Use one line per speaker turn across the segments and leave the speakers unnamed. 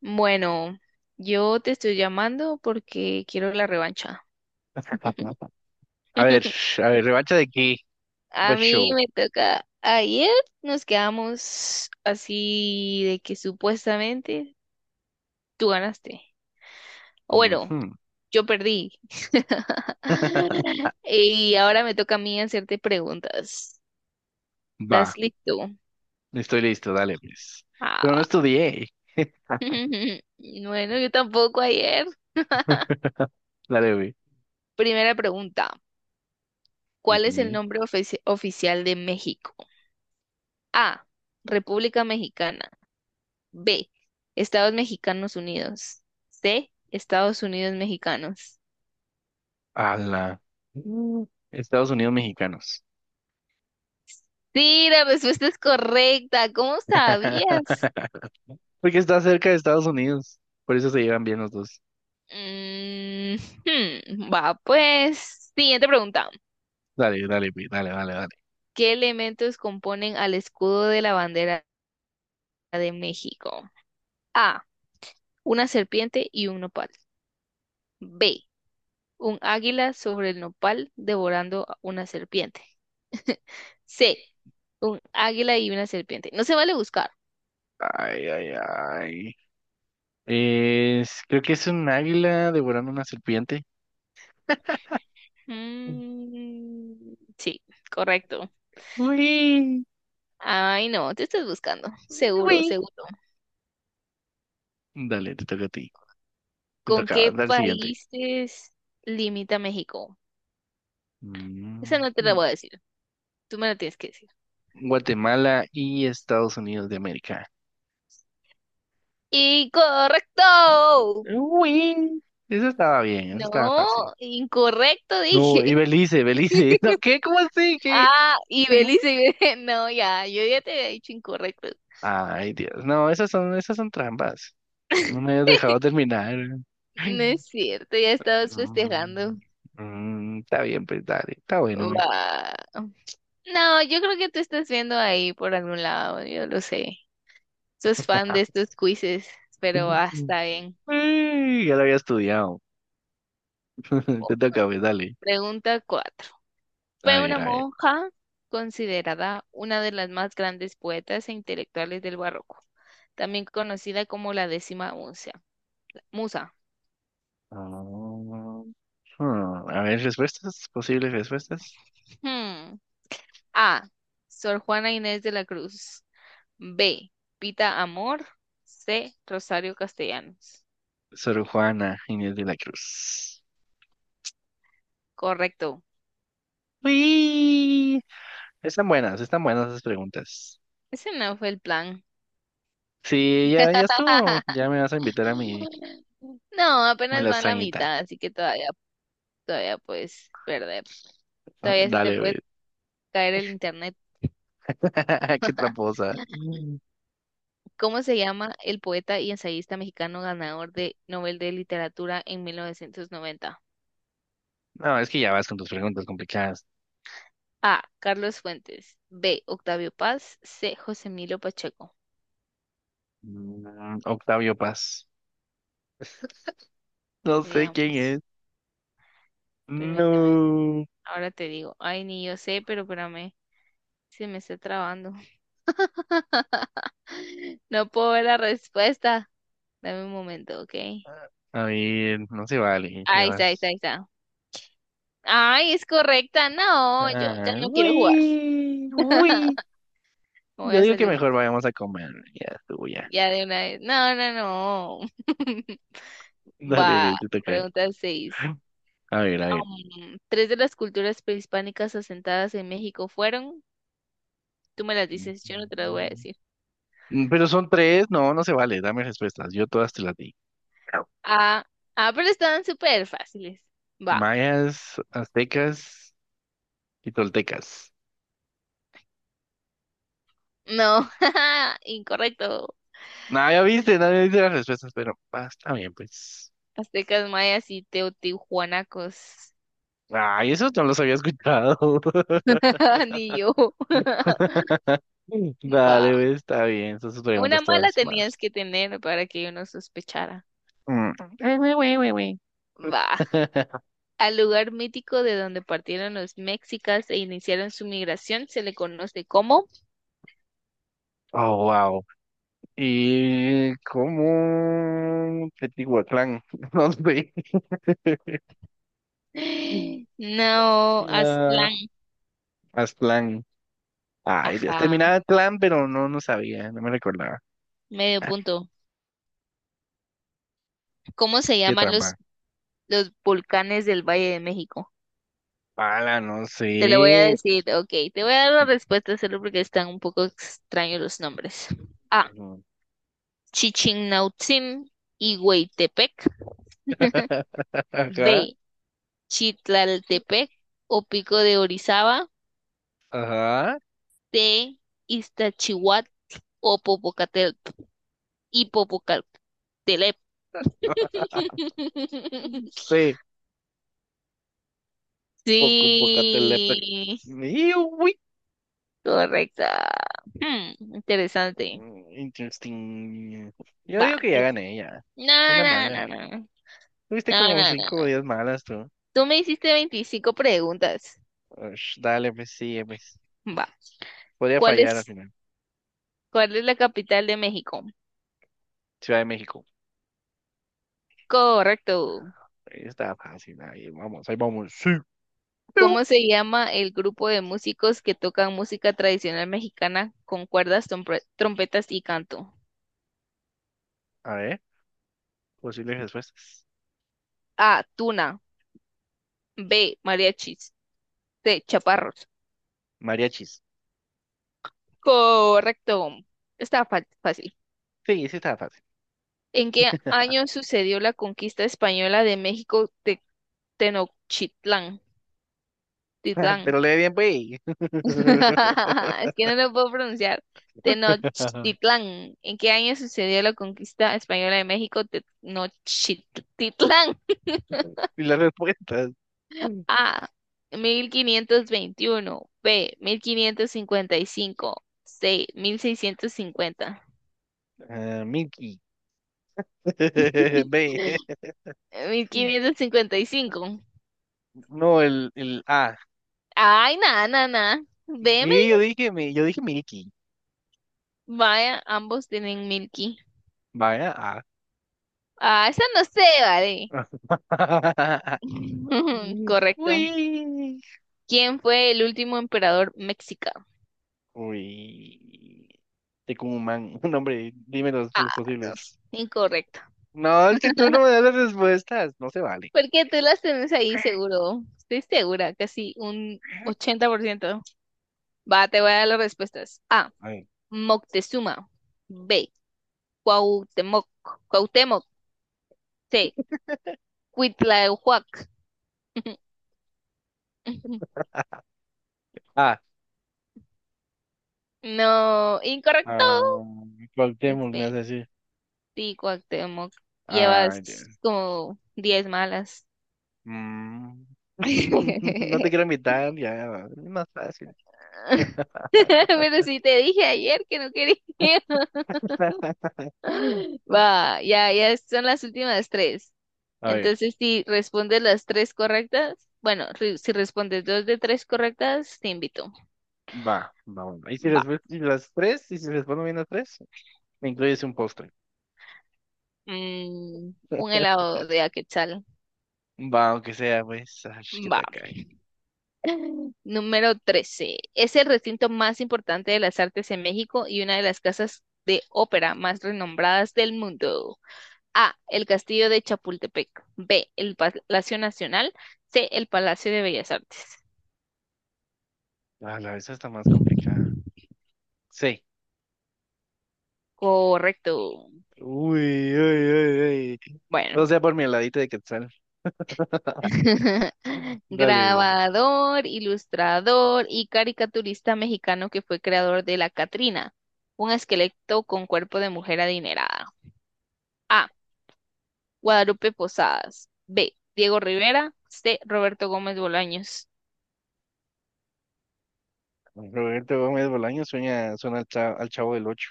Bueno, yo te estoy llamando porque quiero la revancha.
A ver, a ver, ¿revancha de qué?
A
What
mí
show?
me toca. Ayer nos quedamos así de que supuestamente tú ganaste. O bueno,
Ujú.
yo perdí. Y ahora me toca a mí hacerte preguntas. ¿Estás
Va,
listo?
estoy listo, dale, pues.
Ah,
Pero no
va.
estudié.
Bueno, yo tampoco ayer.
Dale, güey.
Primera pregunta. ¿Cuál es el
Ujú.
nombre oficial de México? A. República Mexicana. B. Estados Mexicanos Unidos. C. Estados Unidos Mexicanos.
Ala. Mm, Estados Unidos mexicanos.
Sí, la respuesta es correcta. ¿Cómo sabías?
Porque está cerca de Estados Unidos. Por eso se llevan bien los dos.
Mm, hmm, va, pues. Siguiente pregunta.
Dale, dale, güey, dale, dale, dale.
¿Qué elementos componen al escudo de la bandera de México? A. Una serpiente y un nopal. B. Un águila sobre el nopal devorando a una serpiente. C. Un águila y una serpiente. No se vale buscar.
Ay, ay, ay. Creo que es un águila devorando una serpiente.
Mm, sí, correcto.
Uy,
Ay, no, te estás buscando. Seguro,
uy.
seguro.
Dale, te toca a ti. Te
¿Con
toca,
qué
dale siguiente.
países limita México? Esa
Mm,
no te la
mm.
voy a decir. Tú me la tienes que decir.
Guatemala y Estados Unidos de América.
¡Incorrecto!
Uy, eso estaba bien, eso estaba fácil.
No, incorrecto
No, y
dije.
Belice, Belice. No, ¿qué? ¿Cómo así? ¿Qué?
Ah, y Belice. No, ya, yo ya te había dicho incorrecto.
Ay, Dios. No, esas son trampas. No me hayas dejado terminar.
No
Ay.
es cierto, ya estabas
Mm,
festejando.
Está bien, pues dale. Está bueno, güey.
Va. No, yo creo que tú estás viendo ahí por algún lado, yo lo sé. Sos fan de estos quizzes, pero ah, está bien.
Uy, ya lo había estudiado. Te toca, pues dale.
Pregunta cuatro.
A
Fue
ver,
una
a ver.
monja considerada una de las más grandes poetas e intelectuales del barroco, también conocida como la décima musa. Musa.
Ah, A ver, respuestas, posibles respuestas.
Hmm. A. Sor Juana Inés de la Cruz. B. Pita Amor. C. Rosario Castellanos.
Sor Juana Inés de la Cruz.
Correcto.
Uy, están buenas esas preguntas.
Ese no fue el plan.
Sí, ya, ya estuvo. Ya me vas a invitar a mi,
No,
mi
apenas van la
lasañita.
mitad, así que todavía, todavía puedes perder. Todavía se te
Dale, güey.
puede caer el internet.
Qué tramposa. Mm.
¿Cómo se llama el poeta y ensayista mexicano ganador de Nobel de Literatura en 1990?
No, es que ya vas con tus preguntas complicadas.
A. Carlos Fuentes. B. Octavio Paz. C. José Emilio Pacheco.
Octavio Paz. No sé quién
Veamos.
es.
Permíteme.
No.
Ahora te digo. Ay, ni yo sé, pero espérame. Se me está trabando. No puedo ver la respuesta. Dame un momento, ¿ok?
A ver, no se vale, ya
Ahí está, ahí está,
vas.
ahí está. Ay, es correcta. No, yo ya
Ah,
no quiero jugar.
uy, uy.
No voy
Yo
a
digo que
salir
mejor vayamos a comer. Ya estuvo, ya.
ya de una vez. No, no, no.
Dale,
Va,
güey, te toca.
pregunta 6.
A ver, a ver.
Tres de las culturas prehispánicas asentadas en México fueron. Tú me las dices, yo no te las voy a decir.
Pero son tres, no, no se vale. Dame respuestas. Yo todas te las di.
Ah, ah, pero estaban súper fáciles. Va.
Mayas, aztecas y toltecas.
No, incorrecto.
No, ya viste, nadie dice las respuestas, pero está bien, pues.
Aztecas, mayas y teotihuanacos.
Ay, eso no los había escuchado.
Ni yo. Va.
Dale, güey, está bien. Esas preguntas
Una
están
mala tenías
más.
que tener para que yo no sospechara.
Mm.
Va. Al lugar mítico de donde partieron los mexicas e iniciaron su migración se le conoce como…
Oh, wow. ¿Y cómo Teotihuacán? No sé.
¡No! Aztlán.
Ah, Aztlán. Ay, Dios.
Ajá,
Terminaba clan, pero no, no sabía, no me recordaba.
medio
Ah,
punto. ¿Cómo se
qué
llaman los,
trampa.
los volcanes del Valle de México?
Pala, no
Te lo voy a
sé.
decir, ok, te voy a dar la respuesta solo porque están un poco extraños los nombres. A.
Ujú.
Chichinautzin y Hueytepec. B. Chitlaltepec o Pico de Orizaba.
Ajá, ajá.
C. o Popocatel y Popocatelep.
Sí, poco, poco, telepec.
Sí, correcta. Hmm, interesante.
Interesting. Yo
Va.
digo que ya gané, ya.
No,
Una
no,
mala.
no, no.
Tuviste
No,
como
no,
cinco o
no.
diez malas tú.
Tú me hiciste 25 preguntas.
Ush, dale, pues sí, pues.
Va.
Podría
¿Cuál
fallar al
es,
final.
cuál es la capital de México?
Ciudad de México.
Correcto.
Ahí está fácil. Ahí vamos, ahí vamos. Sí. Piu.
¿Cómo se llama el grupo de músicos que tocan música tradicional mexicana con cuerdas, trompetas y canto?
A ver, posibles respuestas.
A. Tuna. B. Mariachis. C. Chaparros.
Mariachis.
Correcto. Está fácil.
Sí, sí estaba fácil.
¿En qué año sucedió la conquista española de México de Tenochtitlán? Titlán.
Pero le di bien, güey.
Es que no lo puedo pronunciar. Tenochtitlán. ¿En qué año sucedió la conquista española de México de Tenochtitlán?
Y las respuestas.
A. 1521, B. 1555, C. mil seiscientos cincuenta,
Ah, Mickey. B.
cincuenta quinientos cincuenta y cinco.
No, el A.
Ay, nada, nada, nada. B.
Y yo dije, yo dije Milky,
Vaya, ambos tienen Milky.
¿vale? Ah.
Ah, esa no sé, vale. Correcto.
Uy.
¿Quién fue el último emperador mexicano?
Uy. Tecumán, un hombre, dime los
Ah,
sus
no,
posibles.
sé, incorrecto.
No, es que tú no me das las respuestas, no se vale.
Porque tú las tenés ahí seguro. Estoy segura, casi un 80%. Va, te voy a dar las respuestas. A.
Ay.
Moctezuma. B. Cuauhtémoc. Cuauhtémoc. C. Cuitlahuac.
Ah,
No, incorrecto.
ah,
Es
Cuauhtémoc me
B.
hace así.
Sí, Cuauhtémoc,
Ah,
llevas
ya.
como 10 malas.
Mm. No te quiero invitar, ya, es más fácil.
Pero sí te dije ayer que no quería. Va, ya, ya son las últimas tres.
A ver.
Entonces, si respondes las tres correctas, bueno, si respondes dos de tres correctas, te invito.
Va, va, bueno. Y si
Va.
les ves- y las tres, y si les pongo bien las tres, me incluyes un postre.
Mm, un helado de Aquetzal.
Va, aunque sea, pues. Ay, qué
Va.
tacaño.
Número 13. Es el recinto más importante de las artes en México y una de las casas de ópera más renombradas del mundo. A. El Castillo de Chapultepec. B. El Palacio Nacional. C. El Palacio de Bellas Artes.
Ah, la vez está más complicada. Sí.
Correcto.
Uy, uy, uy, uy.
Bueno.
O sea, por mi heladito de Quetzal. Dale, güey.
Grabador, ilustrador y caricaturista mexicano que fue creador de La Catrina, un esqueleto con cuerpo de mujer adinerada. A. Guadalupe Posadas. B. Diego Rivera. C. Roberto Gómez Bolaños.
Roberto Gómez Bolaño suena al Chavo del Ocho.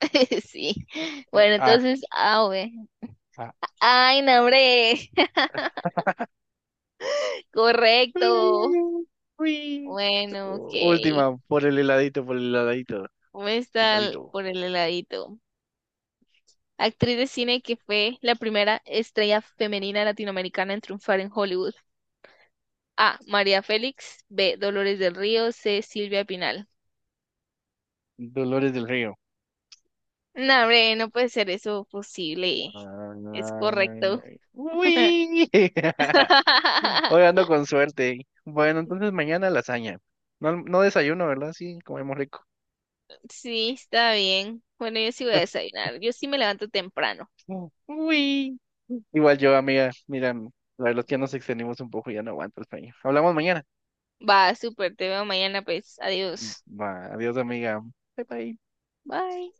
Sí. Bueno,
Ah,
entonces A o B.
ah.
Ay, no, hombre.
Uy.
Correcto.
Uy.
Bueno, ok.
Última, por el heladito, por el heladito.
¿Cómo está
Heladito.
por el heladito? Actriz de cine que fue la primera estrella femenina latinoamericana en triunfar en Hollywood. A. María Félix. B. Dolores del Río. C. Silvia Pinal.
Dolores del Río.
No, hombre, no puede ser eso posible. Es correcto.
Uy. Hoy ando con suerte. Bueno, entonces mañana lasaña. No, no desayuno, ¿verdad? Sí, comemos rico.
Sí, está bien. Bueno, yo sí voy a desayunar. Yo sí me levanto temprano.
Uy. Igual yo, amiga. Mira, la verdad es que ya nos extendimos un poco y ya no aguanto el sueño. Hablamos mañana.
Va, súper, te veo mañana, pues. Adiós.
Va, adiós, amiga. Bye, bye.
Bye.